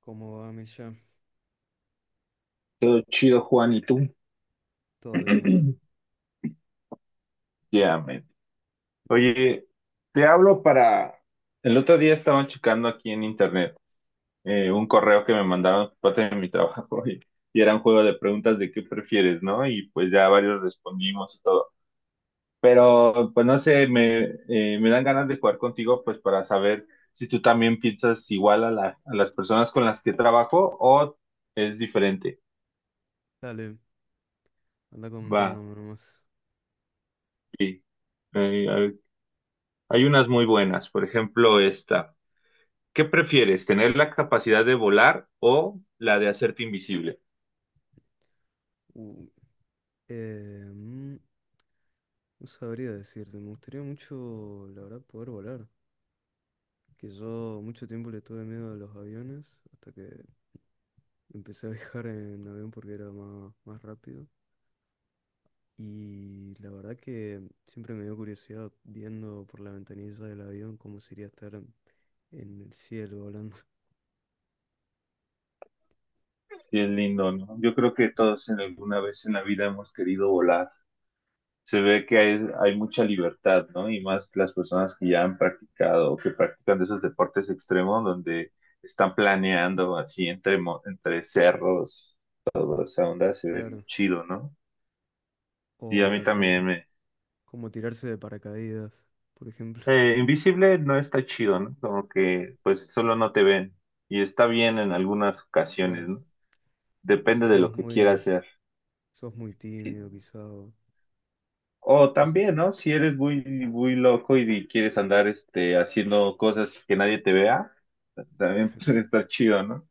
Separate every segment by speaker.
Speaker 1: ¿Cómo va, Mircha?
Speaker 2: Todo chido, Juan, ¿y tú?
Speaker 1: Todo bien.
Speaker 2: Ya, man. Oye, te hablo para... El otro día estaba checando aquí en internet un correo que me mandaron por parte de mi trabajo y era un juego de preguntas de qué prefieres, ¿no? Y pues ya varios respondimos y todo. Pero pues no sé, me dan ganas de jugar contigo pues para saber si tú también piensas igual a las personas con las que trabajo o es diferente.
Speaker 1: Dale, anda
Speaker 2: Va,
Speaker 1: comentándome nomás.
Speaker 2: sí. Hay unas muy buenas, por ejemplo, esta. ¿Qué prefieres, tener la capacidad de volar o la de hacerte invisible?
Speaker 1: Uh, eh, mm, no sabría decirte, me gustaría mucho, la verdad, poder volar. Que yo mucho tiempo le tuve miedo a los aviones, hasta que empecé a viajar en avión porque era más rápido. Y la verdad que siempre me dio curiosidad viendo por la ventanilla del avión cómo sería estar en el cielo volando.
Speaker 2: Sí, es lindo, ¿no? Yo creo que todos en alguna vez en la vida hemos querido volar. Se ve que hay mucha libertad, ¿no? Y más las personas que ya han practicado o que practican de esos deportes extremos donde están planeando así entre cerros, toda esa onda se ve muy
Speaker 1: Claro.
Speaker 2: chido, ¿no? Y a mí
Speaker 1: O como
Speaker 2: también me,
Speaker 1: como tirarse de paracaídas, por ejemplo.
Speaker 2: eh, invisible no está chido, ¿no? Como que pues solo no te ven y está bien en algunas ocasiones,
Speaker 1: Claro,
Speaker 2: ¿no?
Speaker 1: si
Speaker 2: Depende de
Speaker 1: sos
Speaker 2: lo que quieras
Speaker 1: muy,
Speaker 2: hacer.
Speaker 1: sos muy
Speaker 2: Sí.
Speaker 1: tímido, quizá. O
Speaker 2: O
Speaker 1: o sea,
Speaker 2: también, ¿no? Si eres muy loco y quieres andar este, haciendo cosas que nadie te vea, también puede estar chido, ¿no?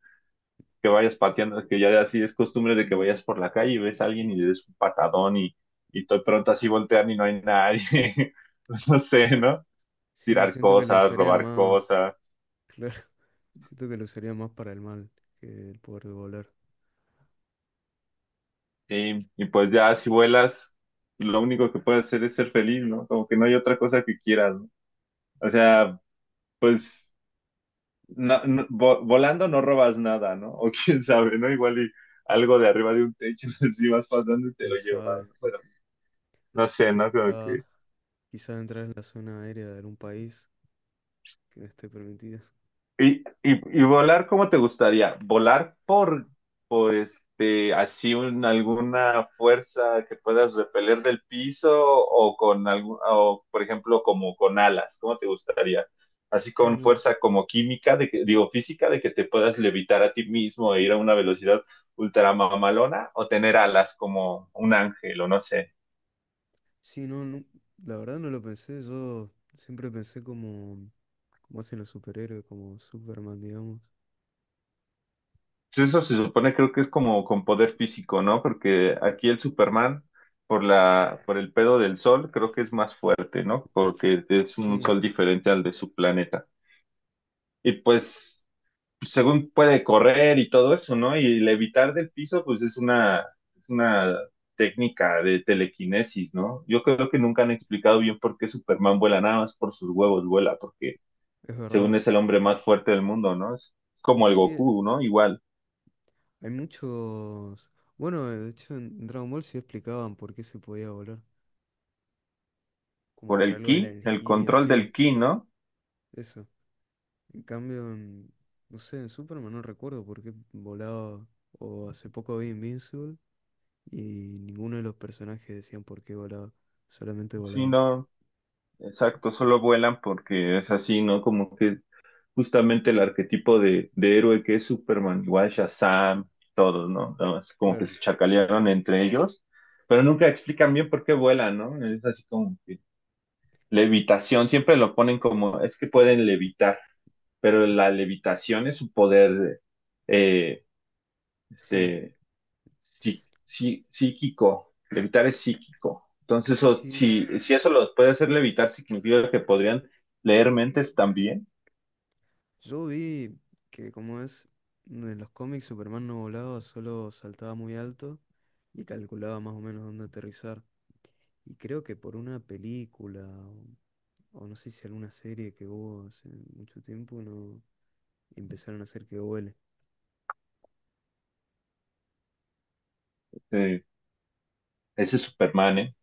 Speaker 2: Que vayas pateando, que ya así es costumbre de que vayas por la calle y ves a alguien y le des un patadón y de pronto así voltean y no hay nadie. No sé, ¿no?
Speaker 1: sí,
Speaker 2: Tirar
Speaker 1: siento que lo
Speaker 2: cosas,
Speaker 1: usarían
Speaker 2: robar
Speaker 1: más,
Speaker 2: cosas.
Speaker 1: claro, siento que lo usarían más para el mal que el poder de volar.
Speaker 2: Sí, y pues ya si vuelas, lo único que puedes hacer es ser feliz, ¿no? Como que no hay otra cosa que quieras, ¿no? O sea, pues volando no robas nada, ¿no? O quién sabe, ¿no? Igual y algo de arriba de un techo, si vas pasando y te lo
Speaker 1: Quién
Speaker 2: llevas,
Speaker 1: sabe.
Speaker 2: ¿no? Pero no sé,
Speaker 1: O
Speaker 2: ¿no?
Speaker 1: quizá entrar en la zona aérea de algún país que no esté permitida.
Speaker 2: Y volar, ¿cómo te gustaría? ¿Volar por alguna fuerza que puedas repeler del piso o con algún, o por ejemplo, como con alas? ¿Cómo te gustaría? Así
Speaker 1: Ah,
Speaker 2: con
Speaker 1: mira.
Speaker 2: fuerza como química, de que, digo física, de que te puedas levitar a ti mismo e ir a una velocidad ultra mamalona o tener alas como un ángel o no sé.
Speaker 1: Sí, no, no, la verdad no lo pensé, yo siempre pensé como hacen los superhéroes, como Superman, digamos.
Speaker 2: Pues eso se supone, creo que es como con poder físico, ¿no? Porque aquí el Superman, por el pedo del sol, creo que es más fuerte, ¿no? Porque es un
Speaker 1: Sí,
Speaker 2: sol diferente al de su planeta. Y pues, según puede correr y todo eso, ¿no? Y levitar del piso, pues es una técnica de telequinesis, ¿no? Yo creo que nunca han explicado bien por qué Superman vuela, nada más por sus huevos vuela, porque
Speaker 1: es
Speaker 2: según
Speaker 1: verdad.
Speaker 2: es el hombre más fuerte del mundo, ¿no? Es como el
Speaker 1: Sí.
Speaker 2: Goku, ¿no? Igual.
Speaker 1: Hay muchos... Bueno, de hecho en Dragon Ball sí explicaban por qué se podía volar. Como
Speaker 2: Por el
Speaker 1: por algo
Speaker 2: ki,
Speaker 1: de la
Speaker 2: el
Speaker 1: energía,
Speaker 2: control del
Speaker 1: sí,
Speaker 2: ki, ¿no?
Speaker 1: eso. En cambio, no sé, en Superman no recuerdo por qué volaba. O hace poco vi Invincible y ninguno de los personajes decían por qué volaba. Solamente
Speaker 2: Sí,
Speaker 1: volaban.
Speaker 2: no, exacto, solo vuelan porque es así, ¿no? Como que justamente el arquetipo de héroe que es Superman, igual Shazam, todos, ¿no? Nada más como que
Speaker 1: Claro,
Speaker 2: se chacalearon entre ellos, pero nunca explican bien por qué vuelan, ¿no? Es así como que levitación, siempre lo ponen como, es que pueden levitar, pero la levitación es su poder, eh,
Speaker 1: sí.
Speaker 2: este psíquico. Levitar es psíquico. Entonces,
Speaker 1: Sí,
Speaker 2: si eso lo puede hacer levitar, significa que podrían leer mentes también.
Speaker 1: yo vi que como es, en los cómics Superman no volaba, solo saltaba muy alto y calculaba más o menos dónde aterrizar. Y creo que por una película o no sé si alguna serie que hubo hace mucho tiempo, no empezaron a hacer que huele.
Speaker 2: Eh, ese es Superman, ¿eh?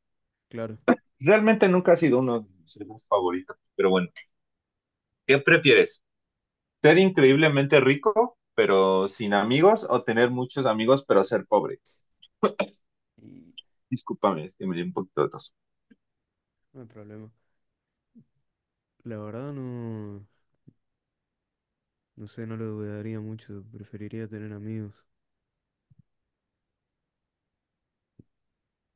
Speaker 1: Claro.
Speaker 2: Realmente nunca ha sido uno de mis héroes favoritos. Pero bueno, ¿qué prefieres? ¿Ser increíblemente rico, pero sin amigos? ¿O tener muchos amigos, pero ser pobre?
Speaker 1: Y
Speaker 2: Discúlpame, es que me dio un poquito de tos.
Speaker 1: no hay problema. La verdad no, no sé, no lo dudaría mucho. Preferiría tener amigos.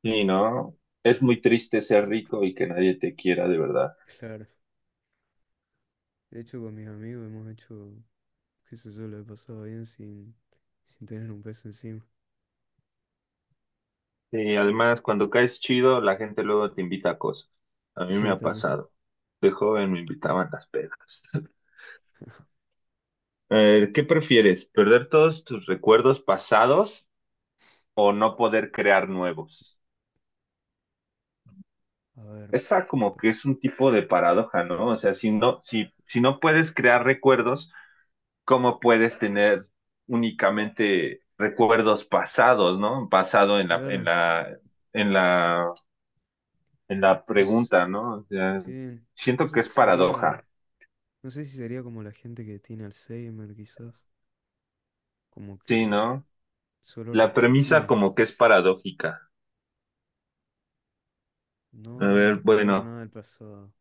Speaker 2: Sí, no, es muy triste ser rico y que nadie te quiera de verdad.
Speaker 1: Claro. De hecho, con mis amigos hemos hecho, qué sé yo, lo he pasado bien sin tener un peso encima.
Speaker 2: Sí, además, cuando caes chido, la gente luego te invita a cosas. A mí me
Speaker 1: Sí,
Speaker 2: ha
Speaker 1: también.
Speaker 2: pasado. De joven me invitaban a las pedas. ¿Qué prefieres? ¿Perder todos tus recuerdos pasados o no poder crear nuevos?
Speaker 1: A ver,
Speaker 2: Esa como
Speaker 1: pa-
Speaker 2: que es un tipo de paradoja, ¿no? O sea, si no puedes crear recuerdos, ¿cómo puedes tener únicamente recuerdos pasados? ¿No? Pasado
Speaker 1: claro.
Speaker 2: en la, en la
Speaker 1: No sé,
Speaker 2: pregunta, ¿no? O sea,
Speaker 1: sí, no
Speaker 2: siento que
Speaker 1: sé
Speaker 2: es
Speaker 1: si sería,
Speaker 2: paradoja.
Speaker 1: no sé si sería como la gente que tiene Alzheimer, quizás. Como
Speaker 2: Sí,
Speaker 1: que
Speaker 2: ¿no?
Speaker 1: solo...
Speaker 2: La
Speaker 1: rec-
Speaker 2: premisa
Speaker 1: No,
Speaker 2: como que es paradójica. A
Speaker 1: no
Speaker 2: ver,
Speaker 1: recordar
Speaker 2: bueno,
Speaker 1: nada del pasado.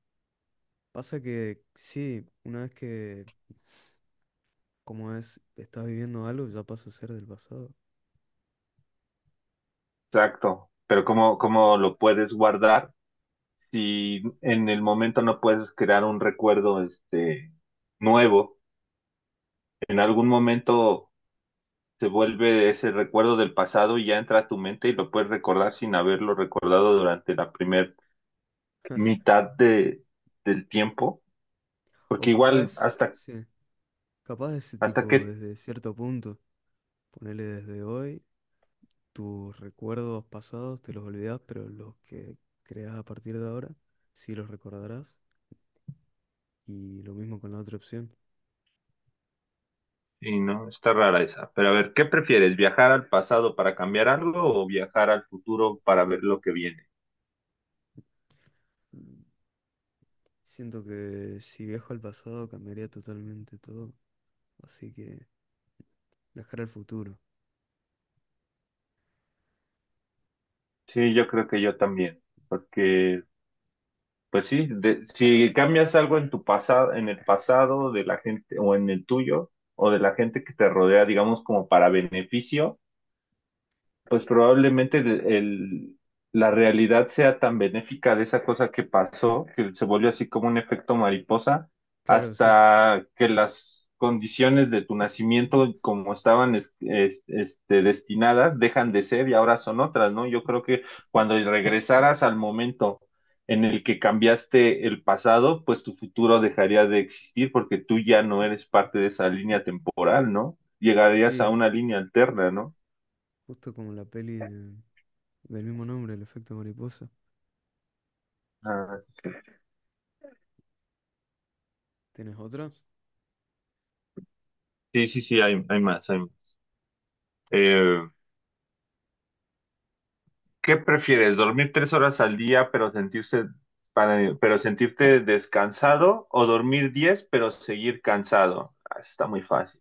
Speaker 1: Pasa que sí, una vez que, como es, estás viviendo algo, ya pasa a ser del pasado.
Speaker 2: exacto. Pero ¿cómo, cómo lo puedes guardar si en el momento no puedes crear un recuerdo este nuevo? En algún momento se vuelve ese recuerdo del pasado y ya entra a tu mente y lo puedes recordar sin haberlo recordado durante la primer mitad del tiempo.
Speaker 1: O
Speaker 2: Porque igual
Speaker 1: capaz,
Speaker 2: hasta,
Speaker 1: sí, capaz ese
Speaker 2: hasta
Speaker 1: tipo
Speaker 2: qué.
Speaker 1: desde cierto punto. Ponele desde hoy, tus recuerdos pasados te los olvidás, pero los que creas a partir de ahora, sí los recordarás. Y lo mismo con la otra opción.
Speaker 2: Sí, no, está rara esa. Pero a ver, ¿qué prefieres? ¿Viajar al pasado para cambiar algo o viajar al futuro para ver lo que viene?
Speaker 1: Mm, Siento que si viajo al pasado cambiaría totalmente todo. Así que viajar al futuro.
Speaker 2: Sí, yo creo que yo también, porque pues sí, si cambias algo en tu pasado, en el pasado de la gente o en el tuyo o de la gente que te rodea, digamos como para beneficio. Pues probablemente la realidad sea tan benéfica de esa cosa que pasó, que se volvió así como un efecto mariposa,
Speaker 1: Claro, sí.
Speaker 2: hasta que las condiciones de tu nacimiento, como estaban destinadas, dejan de ser y ahora son otras, ¿no? Yo creo que cuando regresaras al momento en el que cambiaste el pasado, pues tu futuro dejaría de existir porque tú ya no eres parte de esa línea temporal, ¿no? Llegarías a
Speaker 1: Sí,
Speaker 2: una línea alterna, ¿no?
Speaker 1: justo como la peli del mismo nombre, El efecto mariposa.
Speaker 2: Ah,
Speaker 1: ¿Tienes otra?
Speaker 2: sí, sí, sí, hay más, hay más. Eh, ¿Qué prefieres? ¿Dormir 3 horas al día pero pero sentirte descansado o dormir 10 pero seguir cansado? Ah, está muy fácil.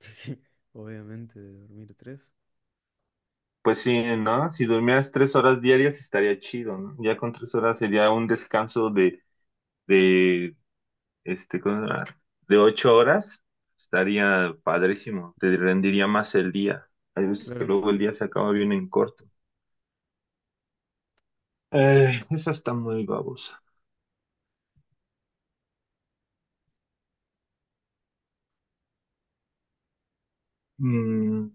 Speaker 1: Obviamente, de dormir tres.
Speaker 2: Pues sí, ¿no? Si durmieras 3 horas diarias estaría chido, ¿no? Ya con 3 horas sería un descanso de ¿cómo se llama? De 8 horas. Estaría padrísimo, te rendiría más el día. Hay veces que
Speaker 1: Claro,
Speaker 2: luego el día se acaba bien en corto. Esa está muy babosa. Mm.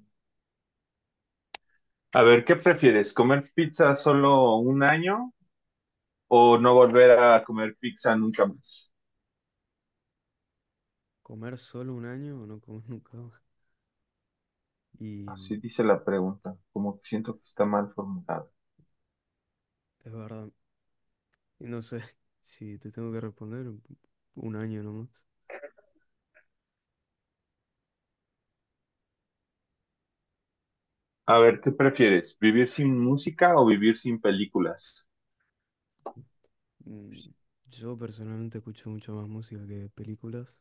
Speaker 2: A ver, ¿qué prefieres? ¿Comer pizza solo un año o no volver a comer pizza nunca más?
Speaker 1: comer solo un año o no comer nunca más. Y
Speaker 2: Así dice la pregunta, como que siento que está mal formulada.
Speaker 1: es verdad. Y no sé si te tengo que responder un año nomás.
Speaker 2: A ver, ¿qué prefieres? ¿Vivir sin música o vivir sin películas?
Speaker 1: Mm, Yo personalmente escucho mucho más música que películas,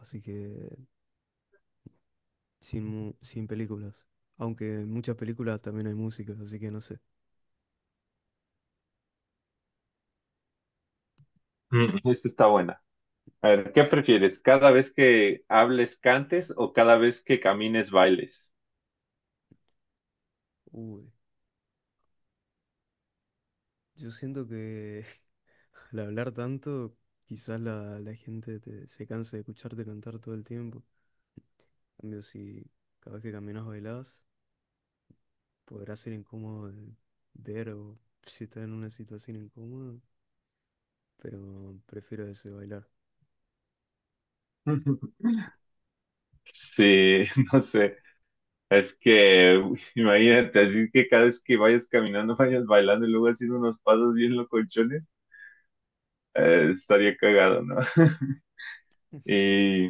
Speaker 1: así que sin películas. Aunque en muchas películas también hay música, así que no sé.
Speaker 2: Mm, esta está buena. A ver, ¿qué prefieres? ¿Cada vez que hables cantes o cada vez que camines bailes?
Speaker 1: Uy, yo siento que al hablar tanto, quizás la gente se canse de escucharte cantar todo el tiempo. En cambio, si cada vez que caminas bailás, podrá ser incómodo de ver o si estás en una situación incómoda, pero prefiero ese bailar.
Speaker 2: Sí, no sé. Es que, uy, imagínate, así que cada vez que vayas caminando, vayas bailando y luego haciendo unos pasos bien locochones. Estaría cagado, ¿no? Y,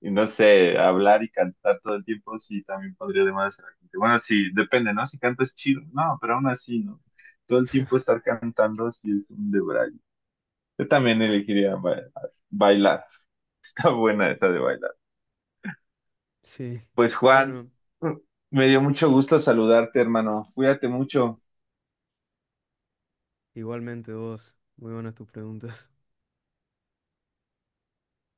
Speaker 2: y no sé, hablar y cantar todo el tiempo, sí, también podría demandar a la gente. Bueno, sí, depende, ¿no? Si cantas chido, no, pero aún así, ¿no? Todo el tiempo estar cantando, sí, es un debraye. Yo también elegiría bailar. Está buena esa de bailar.
Speaker 1: Sí,
Speaker 2: Pues Juan,
Speaker 1: bueno,
Speaker 2: me dio mucho gusto saludarte, hermano. Cuídate mucho.
Speaker 1: igualmente vos, muy buenas tus preguntas.